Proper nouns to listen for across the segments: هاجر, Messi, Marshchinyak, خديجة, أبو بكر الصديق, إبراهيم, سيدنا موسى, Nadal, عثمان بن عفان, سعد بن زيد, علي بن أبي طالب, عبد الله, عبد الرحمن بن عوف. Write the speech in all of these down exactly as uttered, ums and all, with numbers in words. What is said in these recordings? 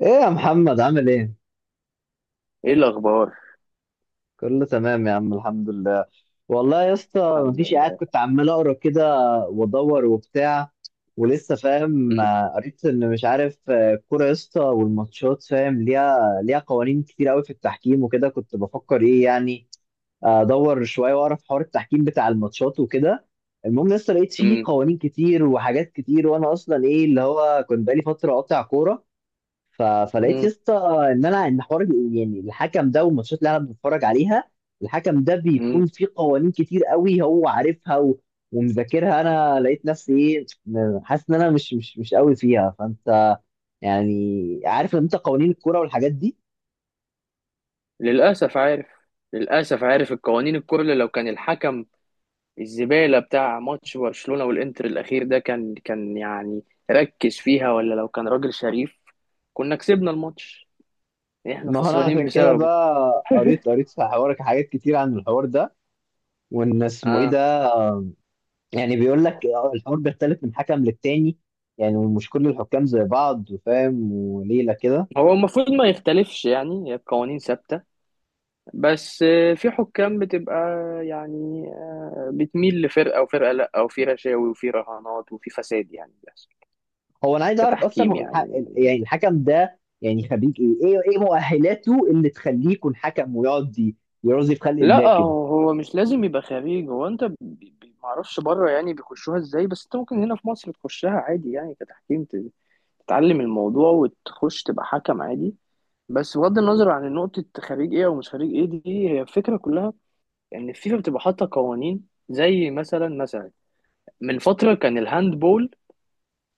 ايه يا محمد عامل ايه؟ ايه الاخبار؟ كله تمام يا عم الحمد لله. والله يا اسطى الحمد مفيش، قاعد لله. كنت عمال اقرا كده وادور وبتاع ولسه فاهم. مم. آه، قريت ان مش عارف، آه، الكوره يا اسطى والماتشات فاهم ليها ليها قوانين كتير قوي في التحكيم وكده، كنت بفكر ايه يعني. آه، ادور شويه واعرف حوار التحكيم بتاع الماتشات وكده. المهم لسه لقيت فيه مم. قوانين كتير وحاجات كتير، وانا اصلا ايه اللي هو كنت بقالي فتره قاطع كوره. ف... فلقيت يا مم. اسطى ان انا ان حوار ال- يعني الحكم ده والماتشات اللي انا بتفرج عليها، الحكم ده بيكون مم. فيه قوانين كتير قوي هو عارفها و... ومذاكرها. انا لقيت نفسي ايه م- حاسس ان انا مش مش مش قوي فيها، فانت يعني عارف لما انت قوانين الكوره والحاجات دي. للاسف عارف للاسف عارف القوانين الكل. لو كان الحكم الزباله بتاع ماتش برشلونه والانتر الاخير ده كان كان يعني ركز فيها، ولا لو كان راجل شريف كنا كسبنا الماتش، احنا ما هو انا خسرانين عشان كده بسببه. بقى قريت قريت في حوارك حاجات كتير عن الحوار ده، وان اسمه ايه اه، ده. يعني بيقول لك الحوار بيختلف من حكم للتاني، يعني مش كل الحكام زي بعض، فاهم وليله كده. هو المفروض ما يختلفش، يعني هي القوانين ثابته. بس آه، في حكام بتبقى يعني آه، بتميل لفرقه وفرقه لا، وفي رشاوي وفي رهانات وفي فساد يعني، بس هو انا عايز اعرف اصلا كتحكيم هو الح... يعني. يعني الحكم ده يعني خريج ايه؟ ايه ايه مؤهلاته اللي تخليه يكون حكم ويقعد ي- يرازي في خلق الله لا، كده؟ هو هو مش لازم يبقى خارجي، هو انت ب- ب- معرفش بره يعني بيخشوها ازاي، بس انت ممكن هنا في مصر تخشها عادي يعني كتحكيم، ت- تتعلم الموضوع وتخش تبقى حكم عادي. بس بغض النظر عن نقطة خريج ايه او مش خريج ايه، دي هي الفكرة كلها. ان يعني الفيفا بتبقى حاطة قوانين زي مثلا مثلا، من فترة كان الهاندبول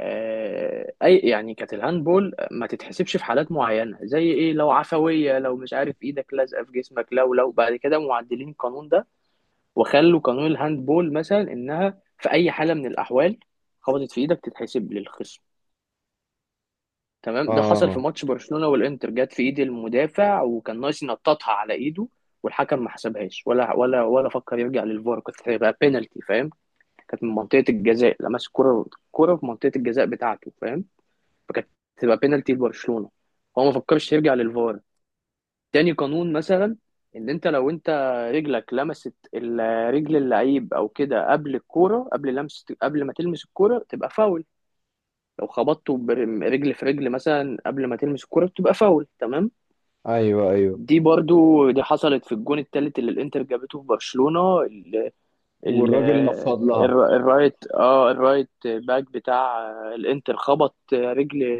آه، اي يعني، كانت الهاندبول ما تتحسبش في حالات معينه، زي ايه، لو عفويه، لو مش عارف ايدك لازقه في جسمك، لو لو بعد كده معدلين القانون ده وخلوا قانون الهاندبول مثلا انها في اي حاله من الاحوال خبطت في ايدك تتحسب للخصم. تمام، ده حصل في اه. ماتش برشلونه والانتر، جت في ايد المدافع وكان ناقص ينططها على ايده، والحكم ما حسبهاش ولا ولا ولا فكر يرجع للفار. كانت هيبقى بينالتي، فاهم؟ كانت من منطقه الجزاء، لمس كرة، كرة في منطقه الجزاء بتاعته، فاهم؟ فكانت تبقى بينالتي لبرشلونه. هو ما فكرش يرجع للفار. تاني قانون مثلا، ان انت لو انت رجلك لمست ال- رجل اللعيب او كده قبل الكوره، قبل لمس، قبل ما تلمس الكوره تبقى فاول. لو خبطته برجل في رجل مثلا قبل ما تلمس الكوره بتبقى فاول، تمام. ايوه ايوه. دي برضو دي حصلت في الجون التالت اللي الانتر جابته في برشلونه. ال- والراجل نفض لها. الر- الرايت اه الرايت باك بتاع الانتر خبط رجل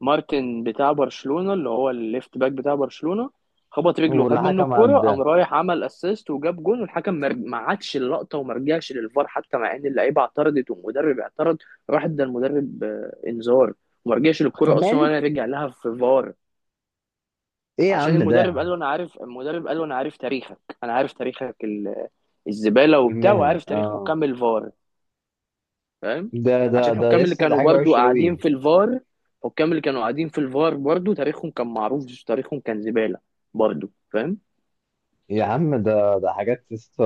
مارتن بتاع برشلونة، اللي هو الليفت باك بتاع برشلونة، خبط رجله واللي وخد منه حكم الكرة، عداه قام رايح عمل اسيست وجاب جون، والحكم مر- ما عادش اللقطة وما رجعش للفار، حتى مع ان اللعيبة اعترضت والمدرب اعترض. راح ادى المدرب آه، انذار، وما رجعش للكرة اصلا كمان. ولا رجع لها في فار، ايه يا عشان عم ده يا المدرب قال عم؟ له انا عارف. المدرب قال له انا عارف تاريخك، انا عارف تاريخك ال- الزبالة وبتاع، المهني، وعارف تاريخ اه. حكام الفار، فاهم؟ ده ده عشان ده الحكام اللي لسه ده كانوا حاجه برضو وحشه قاعدين قوي. في الفار، الحكام اللي كانوا قاعدين في الفار برضو تاريخهم كان معروف، تاريخهم كان زبالة برضو، فاهم؟ يا عم ده ده حاجات لسه.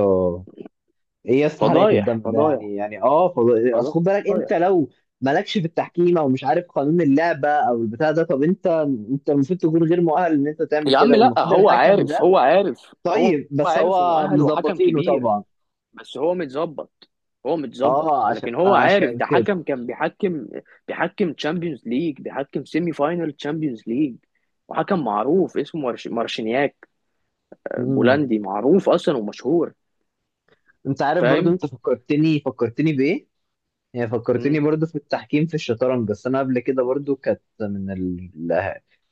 ايه يا اسطى حرقه فضايح، الدم ده فضايح، يعني؟ يعني اه فض- اصل خد بالك، فضايح. انت لو مالكش في التحكيم او مش عارف قانون اللعبه او البتاع ده، طب انت انت المفروض تكون غير مؤهل ان انت تعمل يا كده، عم لا، والمفروض هو الحكم عارف، ده. هو عارف، هو طيب بس عارف هو ومؤهل وحكم مظبطينه كبير، طبعا، بس هو متظبط. هو متظبط، اه عشان لكن هو عارف. عشان ده كده. حكم كان بيحكم بيحكم تشامبيونز ليج، بيحكم سيمي فاينل تشامبيونز ليج، وحكم معروف اسمه مارش- مارشينياك، امم، بولندي معروف اصلا ومشهور، انت عارف برضو، فاهم؟ انت فكرتني فكرتني بايه؟ هي فكرتني برضو في التحكيم في الشطرنج. بس انا قبل كده برضو كانت من ال-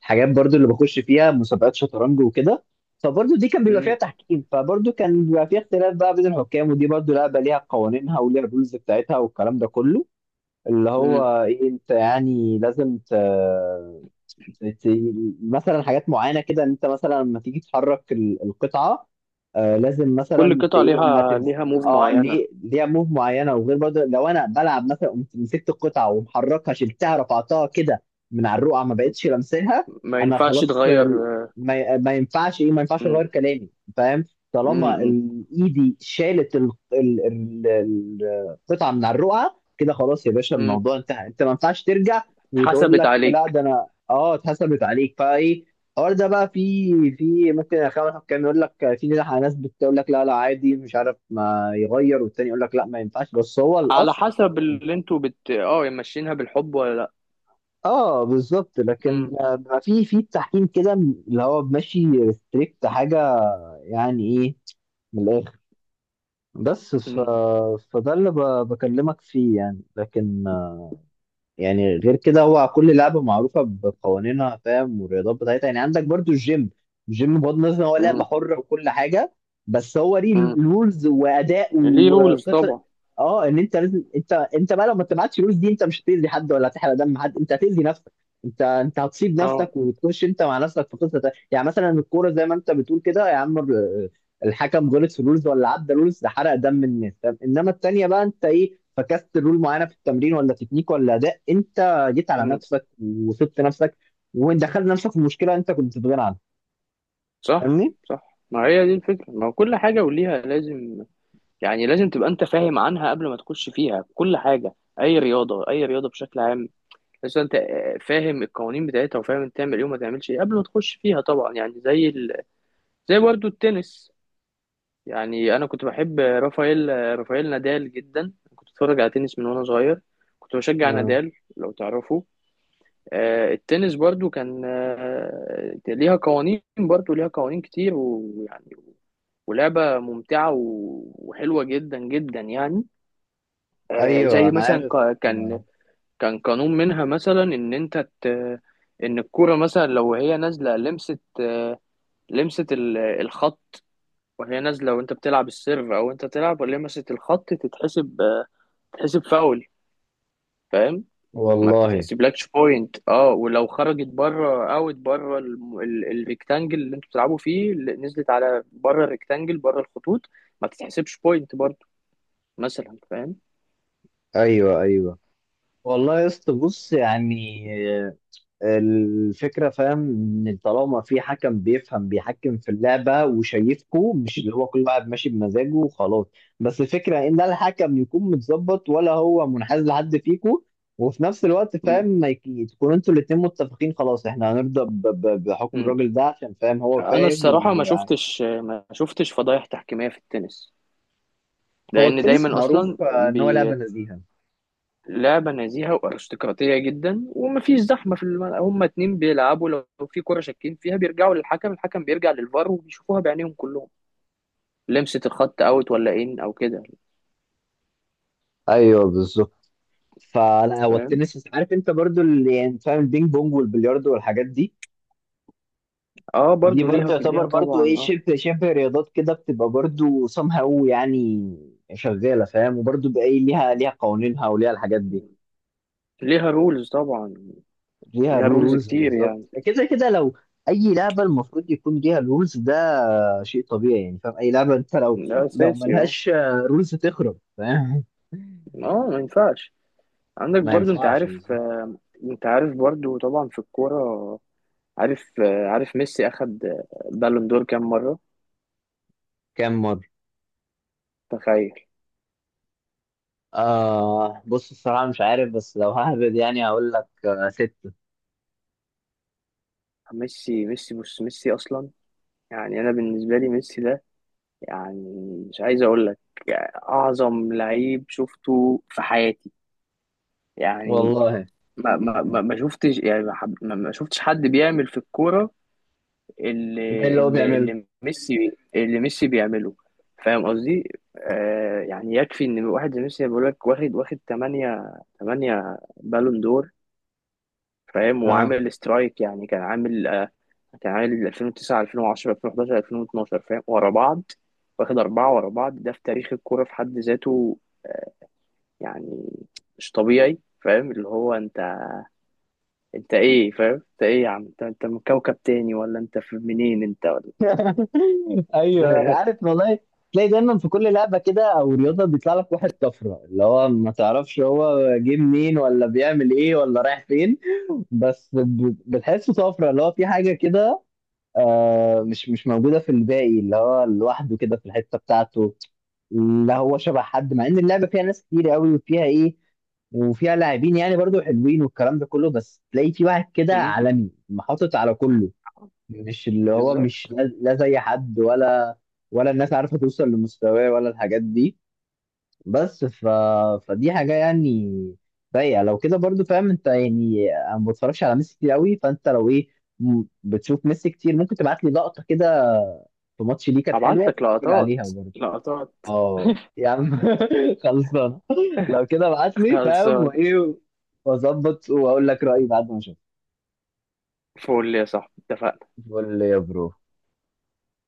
الحاجات برضو اللي بخش فيها مسابقات شطرنج وكده، فبرضو دي كان بيبقى فيها مم. تحكيم، فبرضو كان بيبقى فيها اختلاف بقى بين الحكام. ودي برضو لعبة ليها قوانينها وليها الرولز بتاعتها والكلام ده كله، اللي مم. هو ايه، انت يعني لازم ت... ت- مثلا حاجات معينه كده ان انت مثلا لما تيجي تحرك ال- القطعه، آه لازم كل مثلا ت- قطعة ايه اما ليها تمس. ليها موف اه معينة. ليه ليها موف معينه، وغير برضه لو انا بلعب مثلا قمت مسكت القطعه ومحركها، شلتها رفعتها كده من على الرقعه، ما مم. بقتش لمساها، ما انا ينفعش خلاص. تغير. آه، ما, ما ينفعش ايه، ما ينفعش مم. اغير كلامي. فاهم، مم. طالما مم. ال- ايدي شالت ال- ال- ال- ال- القطعه من على الرقعه كده، خلاص يا باشا مم. الموضوع انتهى، انت ما ينفعش ترجع وتقول اتحسبت لك لا عليك. ده انا، اه اتحسبت عليك. فايه الحوار ده بقى؟ في في ممكن اخوان كان يقول لك، في ناس ناس بتقول لك لا لا عادي مش عارف ما يغير، والتاني يقول لك لا ما ينفعش، بس هو على الاصل. حسب اللي انتوا بت اه ماشيينها، بالحب ولا لا. اه بالظبط. لكن مم. آه، بقى في في التحكيم كده، اللي هو ماشي ريستريكت حاجه، يعني ايه، من الاخر. بس ف... مم. فده اللي ب... بكلمك فيه، يعني. لكن يعني غير كده هو كل لعبة معروفة بقوانينها، فاهم، والرياضات بتاعتها. يعني عندك برضو الجيم، الجيم بغض النظر ان هو لعبة مم. حرة وكل حاجة، بس هو ليه مم. رولز وأداء ليه رولز وقصة. طبعا. اه ان انت لازم انت انت بقى لو ما اتبعتش الرولز دي، انت مش هتأذي حد ولا هتحرق دم حد، انت هتأذي نفسك، انت انت هتصيب اه. نفسك وتخش انت مع نفسك في قصة تانية. يعني مثلا الكورة زي ما انت بتقول كده يا عم، الحكم غلط في رولز ولا عدى رولز، ده حرق دم الناس. طب انما التانية بقى انت ايه، فكست رول معينه في التمرين ولا تكنيك ولا اداء، انت جيت على مم. نفسك وسبت نفسك ودخلت نفسك في مشكله انت كنت في غنى عنها. صح. فاهمني؟ صح، ما هي دي الفكرة، ما هو كل حاجة وليها لازم يعني، لازم تبقى انت فاهم عنها قبل ما تخش فيها، كل حاجة، اي رياضة، اي رياضة بشكل عام. بس انت آه، فاهم القوانين بتاعتها وفاهم انت تعمل ايه وما تعملش ايه قبل ما تخش فيها طبعا، يعني زي ال... زي برضو التنس. يعني انا كنت بحب رافائيل آه، رافائيل نادال جدا، كنت اتفرج على تنس من وانا صغير، كنت بشجع آه. نادال لو تعرفه. آه، التنس برضو كان آه، ليها قوانين، برضو ليها قوانين كتير ويعني، ولعبة ممتعة و- وحلوة جدا جدا يعني. آه، ايوه زي انا مثلا عارف. ق- آه. كان كان قانون منها مثلا ان انت ت... ان الكوره مثلا لو هي نازله لمست لمست ال- الخط، وهي نازله وانت بتلعب السيرف او انت تلعب ولمست الخط، تتحسب تتحسب فاول، فاهم؟ ما والله. بتتحسبلكش بوينت، اه ولو خرجت بره، اوت بره الم- ال- الريكتانجل اللي انتوا بتلعبوا فيه، اللي نزلت على بره الريكتانجل بره الخطوط، ما تتحسبش بوينت برضه مثلا، فاهم؟ ايوه ايوه. والله يا اسطى بص يعني، آه، الفكرة فاهم، ان طالما في حكم بيفهم بيحكم في اللعبة وشايفكو، مش اللي هو كل واحد ماشي بمزاجه وخلاص. بس الفكرة ان ده الحكم يكون متظبط ولا هو منحاز لحد فيكو، وفي نفس الوقت مم. فاهم ما يك- تكونوا انتوا الاتنين متفقين، خلاص احنا هنرضى ب- ب- بحكم مم. الراجل ده، عشان فاهم هو انا فاهم الصراحه ما وهو. شفتش ما شفتش فضايح تحكيميه في التنس، لأن التنس دايما أصلا معروف آه، ان هو لعبة بي- نزيهة. لعبة نزيهة وأرستقراطية جدا، ومفيش زحمة في الم... هما اتنين بيلعبوا، لو في كرة شاكين فيها بيرجعوا للحكم، الحكم بيرجع للفار وبيشوفوها بعينيهم كلهم، لمسة الخط أوت ولا إن أو كده، ايوه بالظبط. فلا هو فاهم؟ التنس، عارف انت برضو اللي يعني فاهم البينج بونج والبلياردو والحاجات دي، اه، دي برضو برضو ليها يعتبر ليها برضو ايه طبعا اه. شبه شبه رياضات كده، بتبقى برضو somehow يعني شغاله، فاهم، وبرضو بقى ايه ليها ليها قوانينها وليها الحاجات دي. ليها رولز طبعا. ليها ليها رولز رولز كتير بالظبط. يعني. كده كده لو اي لعبه المفروض يكون ليها رولز، ده شيء طبيعي يعني. فاهم، اي لعبه انت لو ده لو أساسي اه. ملهاش رولز تخرب، فاهم. اه، ما ينفعش. عندك ما برضو، أنت ينفعش عارف بالظبط. آه، أنت عارف برضو طبعا في الكورة، عارف آه، عارف ميسي أخد آه، بالون دور كام مرة؟ كام مره؟ تخيل. آه بص الصراحه مش عارف، بس لو ههبد يعني هقول لك آه ستة. ميسي ميسي بص، ميسي اصلا يعني، انا بالنسبه لي ميسي ده، يعني، مش عايز اقول لك يعني اعظم لعيب شفته في حياتي، يعني والله. ما ما ما ما شفتش يعني، ما حب- ما- ما شفتش حد بيعمل في الكوره ده اللي اللي هو اللي بيعمله. اللي ميسي اللي ميسي بيعمله، فاهم قصدي؟ آه، يعني يكفي ان واحد زي ميسي بيقول لك واخد واخد تمانية، تمانية بالون دور، فاهم؟ اه. وعامل سترايك يعني، كان عامل تعالي ل ألفين وتسعة، ألفين وعشرة، ألفين وحداشر، ألفين واتناشر، فاهم؟ ورا بعض، واخد أربعة ورا بعض، ده في تاريخ الكورة في حد ذاته. آه، يعني مش طبيعي، فاهم اللي هو انت، انت ايه فاهم، انت ايه يا عم، انت انت من كوكب تاني ولا انت في منين انت ولا. ايوه عارف والله. تلاقي دايما في كل لعبه كده او رياضه بيطلع لك واحد طفره، اللي هو ما تعرفش هو جه منين ولا بيعمل ايه ولا رايح فين، بس ب- بتحسه طفره، اللي هو في حاجه كده آه مش مش موجوده في الباقي، اللي هو لوحده كده في الحته بتاعته، لا هو شبه حد، مع ان اللعبه فيها ناس كتير قوي وفيها ايه وفيها لاعبين يعني برضو حلوين والكلام ده كله، بس تلاقي في واحد كده مم، عالمي محطط على كله، مش اللي هو مش بالظبط. لا لا زي حد، ولا ولا الناس عارفه توصل لمستواه ولا الحاجات دي. بس ف... فدي حاجه يعني سيئه لو كده برضو، فاهم انت يعني. انا ما بتفرجش على ميسي كتير قوي، فانت لو ايه، م- بتشوف ميسي كتير، ممكن تبعت لي لقطه كده في ماتش ليه كانت حلوه هبعت لك اتفرج عليها لقطات، برضو. لقطات. اه يا عم. خلصان. لو كده ابعت لي فاهم خلصان. وايه، واظبط واقول لك رايي بعد ما اشوف. فول يا صاحبي، اتفقنا. قول لي يا برو.